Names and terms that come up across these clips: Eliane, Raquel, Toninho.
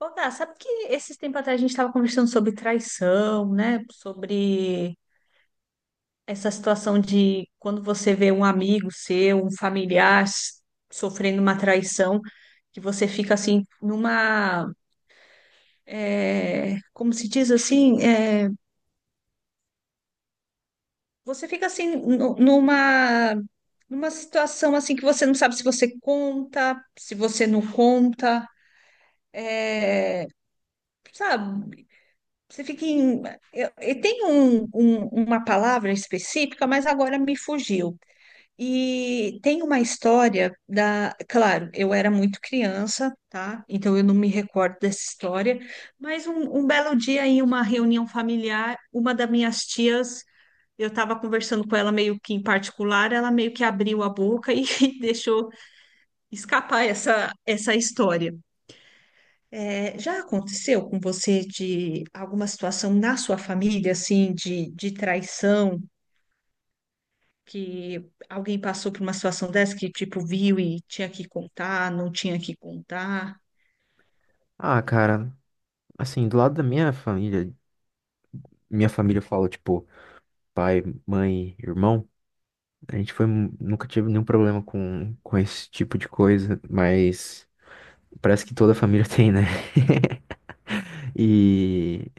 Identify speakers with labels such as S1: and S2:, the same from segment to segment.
S1: Ô, Gá, sabe que esses tempos atrás a gente estava conversando sobre traição, né? Sobre essa situação de quando você vê um amigo seu, um familiar sofrendo uma traição, que você fica assim numa, como se diz assim, você fica assim numa situação assim que você não sabe se você conta, se você não conta, é, sabe? Você fica em. Eu tenho uma palavra específica, mas agora me fugiu. E tem uma história da. Claro, eu era muito criança, tá? Então eu não me recordo dessa história. Mas um belo dia, em uma reunião familiar, uma das minhas tias, eu estava conversando com ela meio que em particular, ela meio que abriu a boca e deixou escapar essa história. Já aconteceu com você de alguma situação na sua família, assim, de traição, que alguém passou por uma situação dessa que, tipo, viu e tinha que contar, não tinha que contar?
S2: Ah, cara, assim, do lado da minha família fala, tipo, pai, mãe, irmão, a gente foi, nunca tive nenhum problema com esse tipo de coisa, mas parece que toda família tem, né? E,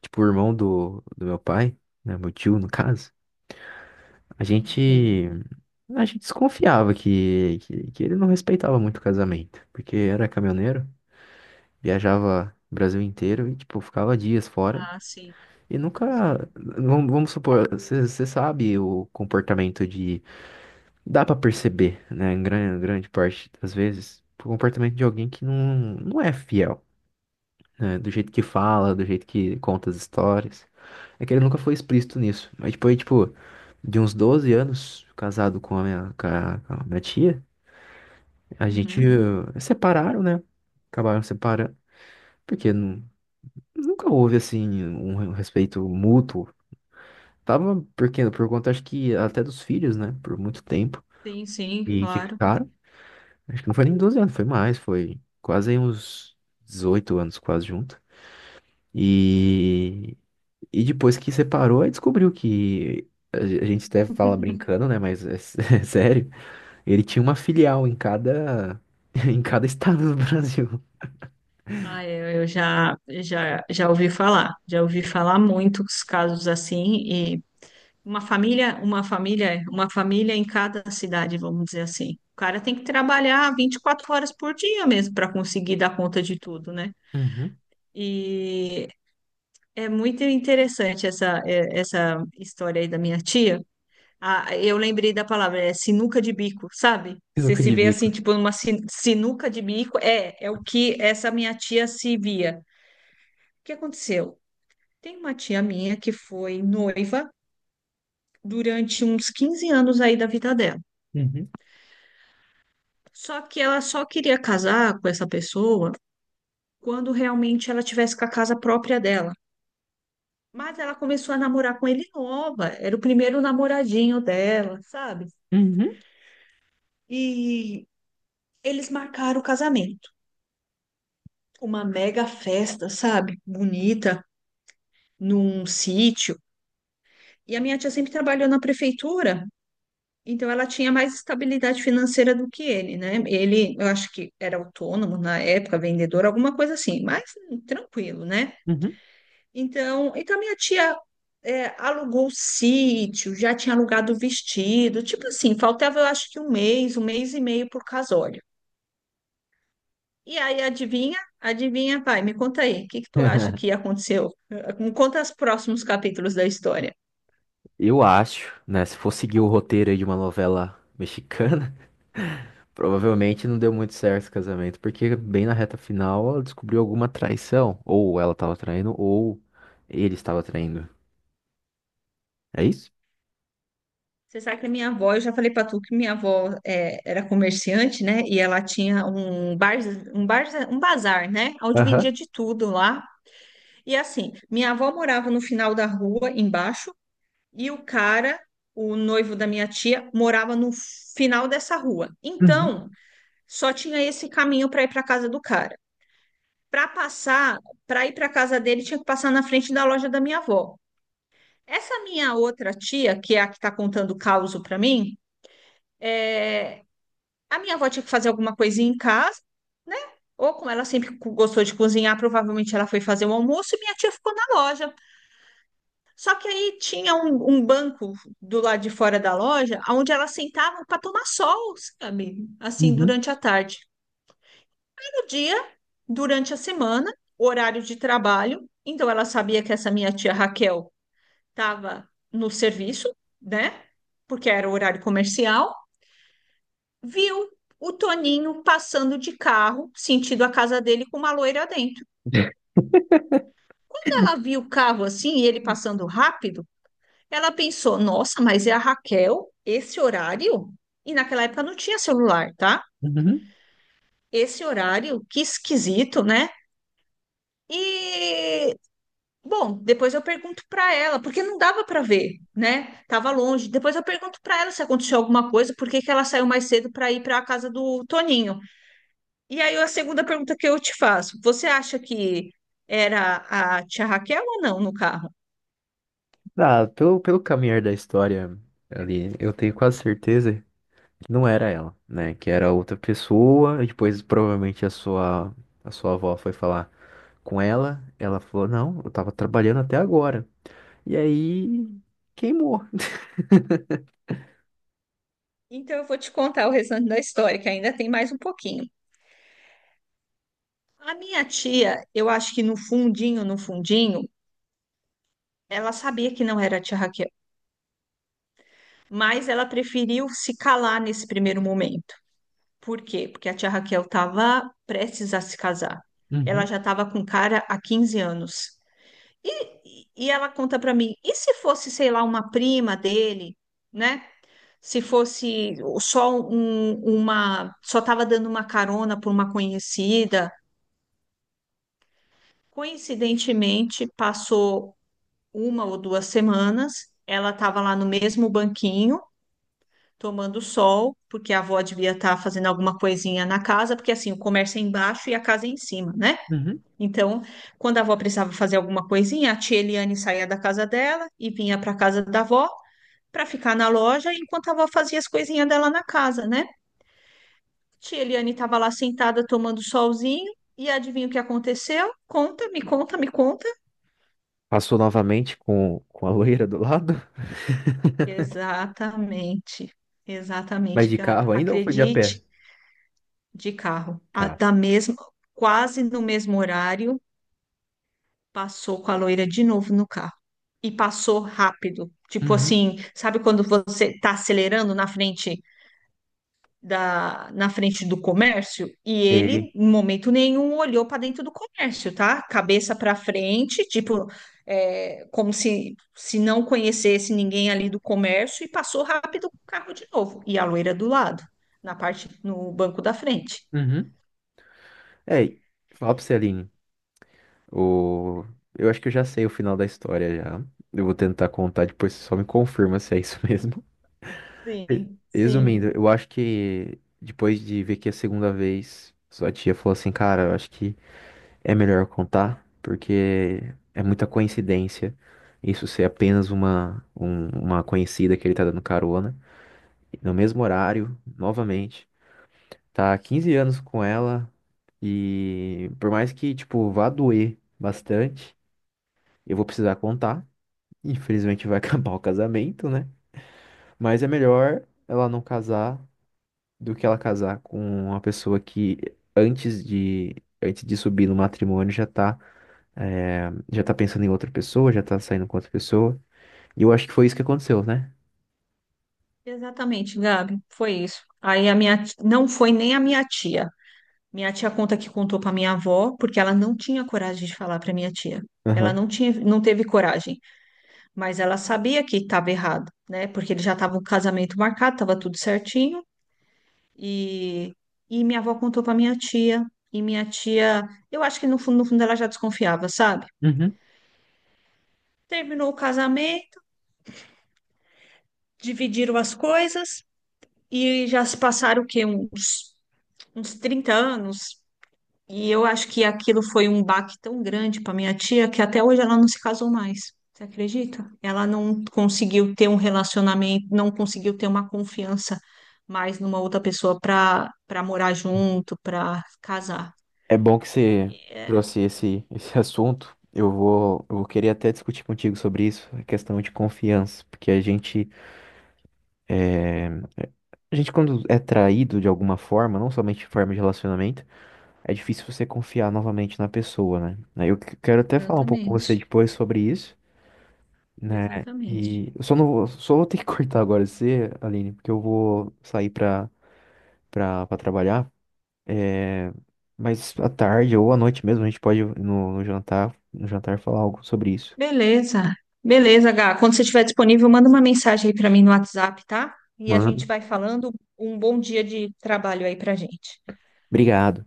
S2: tipo, o irmão do meu pai, né, meu tio, no caso, a
S1: Sim, sim.
S2: gente, a gente desconfiava que ele não respeitava muito o casamento, porque era caminhoneiro, viajava o Brasil inteiro e, tipo, ficava dias fora.
S1: Ah, sim,
S2: E nunca,
S1: sim, sim.
S2: vamos supor, você sabe o comportamento de, dá pra perceber, né, em grande parte das vezes, o comportamento de alguém que não é fiel, né, do jeito que fala, do jeito que conta as histórias. É que ele nunca foi explícito nisso, mas depois, tipo, de uns 12 anos, casado com a minha tia, a gente
S1: Uhum.
S2: separaram, né, acabaram separando, porque nunca houve, assim, um respeito mútuo. Tava por quê? Por conta, acho que até dos filhos, né? Por muito tempo.
S1: Sim, sim,
S2: E que
S1: claro.
S2: ficaram. Acho que não foi nem 12 anos, foi mais, foi quase aí uns 18 anos, quase junto. E, e depois que separou, aí descobriu que a gente até fala brincando, né? Mas é sério. Ele tinha uma filial em cada, em cada estado do Brasil.
S1: Ah, eu já ouvi falar muito os casos assim. Uma família em cada cidade, vamos dizer assim. O cara tem que trabalhar 24 horas por dia mesmo para conseguir dar conta de tudo, né?
S2: Uhum.
S1: E é muito interessante essa, essa história aí da minha tia. Ah, eu lembrei da palavra, é sinuca de bico, sabe? Você
S2: Sinuca
S1: se
S2: de
S1: vê assim,
S2: bico.
S1: tipo, numa sinuca de bico, é o que essa minha tia se via. O que aconteceu? Tem uma tia minha que foi noiva durante uns 15 anos aí da vida dela.
S2: Uhum.
S1: Só que ela só queria casar com essa pessoa quando realmente ela tivesse com a casa própria dela. Mas ela começou a namorar com ele nova, era o primeiro namoradinho dela, sabe?
S2: Uhum.
S1: E eles marcaram o casamento, uma mega festa, sabe? Bonita, num sítio. E a minha tia sempre trabalhou na prefeitura, então ela tinha mais estabilidade financeira do que ele, né? Ele, eu acho que era autônomo na época, vendedor, alguma coisa assim, mas tranquilo, né?
S2: Uhum.
S1: Então, então minha tia alugou o sítio, já tinha alugado o vestido, tipo assim, faltava eu acho que um mês e meio por casório. E aí, adivinha? Adivinha, pai, me conta aí, o que que tu acha que aconteceu? Me conta os próximos capítulos da história.
S2: Eu acho, né? Se for seguir o roteiro aí de uma novela mexicana, provavelmente não deu muito certo esse casamento, porque bem na reta final ela descobriu alguma traição. Ou ela estava traindo, ou ele estava traindo. É isso?
S1: Você sabe que a minha avó, eu já falei para tu que minha avó era comerciante, né? E ela tinha um bazar, né? Onde vendia
S2: Aham.
S1: de tudo lá. E assim, minha avó morava no final da rua, embaixo, e o cara, o noivo da minha tia, morava no final dessa rua.
S2: Uhum.
S1: Então, só tinha esse caminho para ir para casa do cara. Para passar, para ir para casa dele, tinha que passar na frente da loja da minha avó. Essa minha outra tia, que é a que está contando o caos para mim, é, a minha avó tinha que fazer alguma coisinha em casa, né? Ou como ela sempre gostou de cozinhar, provavelmente ela foi fazer o almoço e minha tia ficou na loja. Só que aí tinha um banco do lado de fora da loja, onde elas sentavam para tomar sol, sabe? Assim,
S2: Uhum.
S1: durante a tarde. Todo dia, durante a semana, horário de trabalho. Então, ela sabia que essa minha tia Raquel estava no serviço, né? Porque era horário comercial. Viu o Toninho passando de carro, sentido a casa dele, com uma loira dentro. Quando ela viu o carro assim, e ele passando rápido, ela pensou, nossa, mas é a Raquel, esse horário? E naquela época não tinha celular, tá?
S2: Uhum.
S1: Esse horário, que esquisito, né? E, bom, depois eu pergunto para ela, porque não dava para ver, né? Tava longe. Depois eu pergunto para ela se aconteceu alguma coisa, por que que ela saiu mais cedo para ir para a casa do Toninho. E aí a segunda pergunta que eu te faço, você acha que era a tia Raquel ou não no carro?
S2: Ah, pelo caminhar da história ali, eu tenho quase certeza que não era ela, né? Que era outra pessoa, e depois provavelmente a sua avó foi falar com ela. Ela falou: Não, eu tava trabalhando até agora. E aí queimou.
S1: Então eu vou te contar o restante da história, que ainda tem mais um pouquinho. A minha tia, eu acho que no fundinho, no fundinho, ela sabia que não era a tia Raquel, mas ela preferiu se calar nesse primeiro momento. Por quê? Porque a tia Raquel estava prestes a se casar. Ela
S2: Uhum.
S1: já estava com cara há 15 anos. E ela conta para mim, e se fosse, sei lá, uma prima dele, né? Se fosse só só estava dando uma carona por uma conhecida, coincidentemente passou uma ou duas semanas, ela estava lá no mesmo banquinho, tomando sol, porque a avó devia estar fazendo alguma coisinha na casa, porque assim, o comércio é embaixo e a casa é em cima, né?
S2: Uhum.
S1: Então, quando a avó precisava fazer alguma coisinha, a tia Eliane saía da casa dela e vinha para a casa da avó para ficar na loja enquanto a avó fazia as coisinhas dela na casa, né? Tia Eliane estava lá sentada tomando solzinho e adivinha o que aconteceu? Conta, me conta, me conta.
S2: Passou novamente com a loira do lado,
S1: Exatamente,
S2: mas
S1: exatamente,
S2: de
S1: Gabi.
S2: carro ainda ou foi de a pé?
S1: Acredite, de carro,
S2: Carro.
S1: da mesma, quase no mesmo horário, passou com a loira de novo no carro. E passou rápido. Tipo
S2: Uhum.
S1: assim, sabe quando você tá acelerando na frente na frente do comércio e
S2: Sei.
S1: ele, em momento nenhum, olhou para dentro do comércio, tá? Cabeça para frente, tipo, como se não conhecesse ninguém ali do comércio e passou rápido com o carro de novo. E a loira do lado, na parte, no banco da frente.
S2: Uhum. É, fala pra você, Aline. O... Eu acho que eu já sei o final da história já. Eu vou tentar contar depois, você só me confirma se é isso mesmo. Re-
S1: Sim, sim.
S2: Resumindo, eu acho que depois de ver que a segunda vez, sua tia falou assim, cara, eu acho que é melhor contar, porque é muita coincidência isso ser apenas uma conhecida que ele tá dando carona. E no mesmo horário, novamente, tá há 15 anos com ela e por mais que, tipo, vá doer bastante, eu vou precisar contar. Infelizmente vai acabar o casamento, né? Mas é melhor ela não casar do que ela casar com uma pessoa que antes de, antes de subir no matrimônio já tá pensando em outra pessoa, já tá saindo com outra pessoa. E eu acho que foi isso que aconteceu, né?
S1: Exatamente, Gabi, foi isso. Aí a minha, não foi nem a minha tia. Minha tia conta que contou para minha avó, porque ela não tinha coragem de falar para minha tia. Ela
S2: Aham.
S1: não tinha, não teve coragem. Mas ela sabia que estava errado, né? Porque ele já estava o casamento marcado, estava tudo certinho. E, e minha avó contou para minha tia. E minha tia, eu acho que no fundo, no fundo ela já desconfiava, sabe?
S2: Uhum.
S1: Terminou o casamento, dividiram as coisas e já se passaram o quê? Uns 30 anos. E eu acho que aquilo foi um baque tão grande para minha tia que até hoje ela não se casou mais. Você acredita? Ela não conseguiu ter um relacionamento, não conseguiu ter uma confiança mais numa outra pessoa para morar junto, para casar.
S2: É bom que você trouxe esse assunto. Eu vou querer até discutir contigo sobre isso, a questão de confiança, porque é, a gente quando é traído de alguma forma, não somente em forma de relacionamento, é difícil você confiar novamente na pessoa, né? Eu quero até falar um pouco com você
S1: Exatamente,
S2: depois sobre isso, né?
S1: exatamente.
S2: E eu só não vou, só vou ter que cortar agora você, Aline, porque eu vou sair pra, trabalhar. É, mas à tarde ou à noite mesmo, a gente pode no jantar falar algo sobre isso.
S1: Beleza, beleza, Gá. Quando você estiver disponível, manda uma mensagem aí para mim no WhatsApp, tá? E a
S2: Mano,
S1: gente vai falando. Um bom dia de trabalho aí para gente.
S2: obrigado.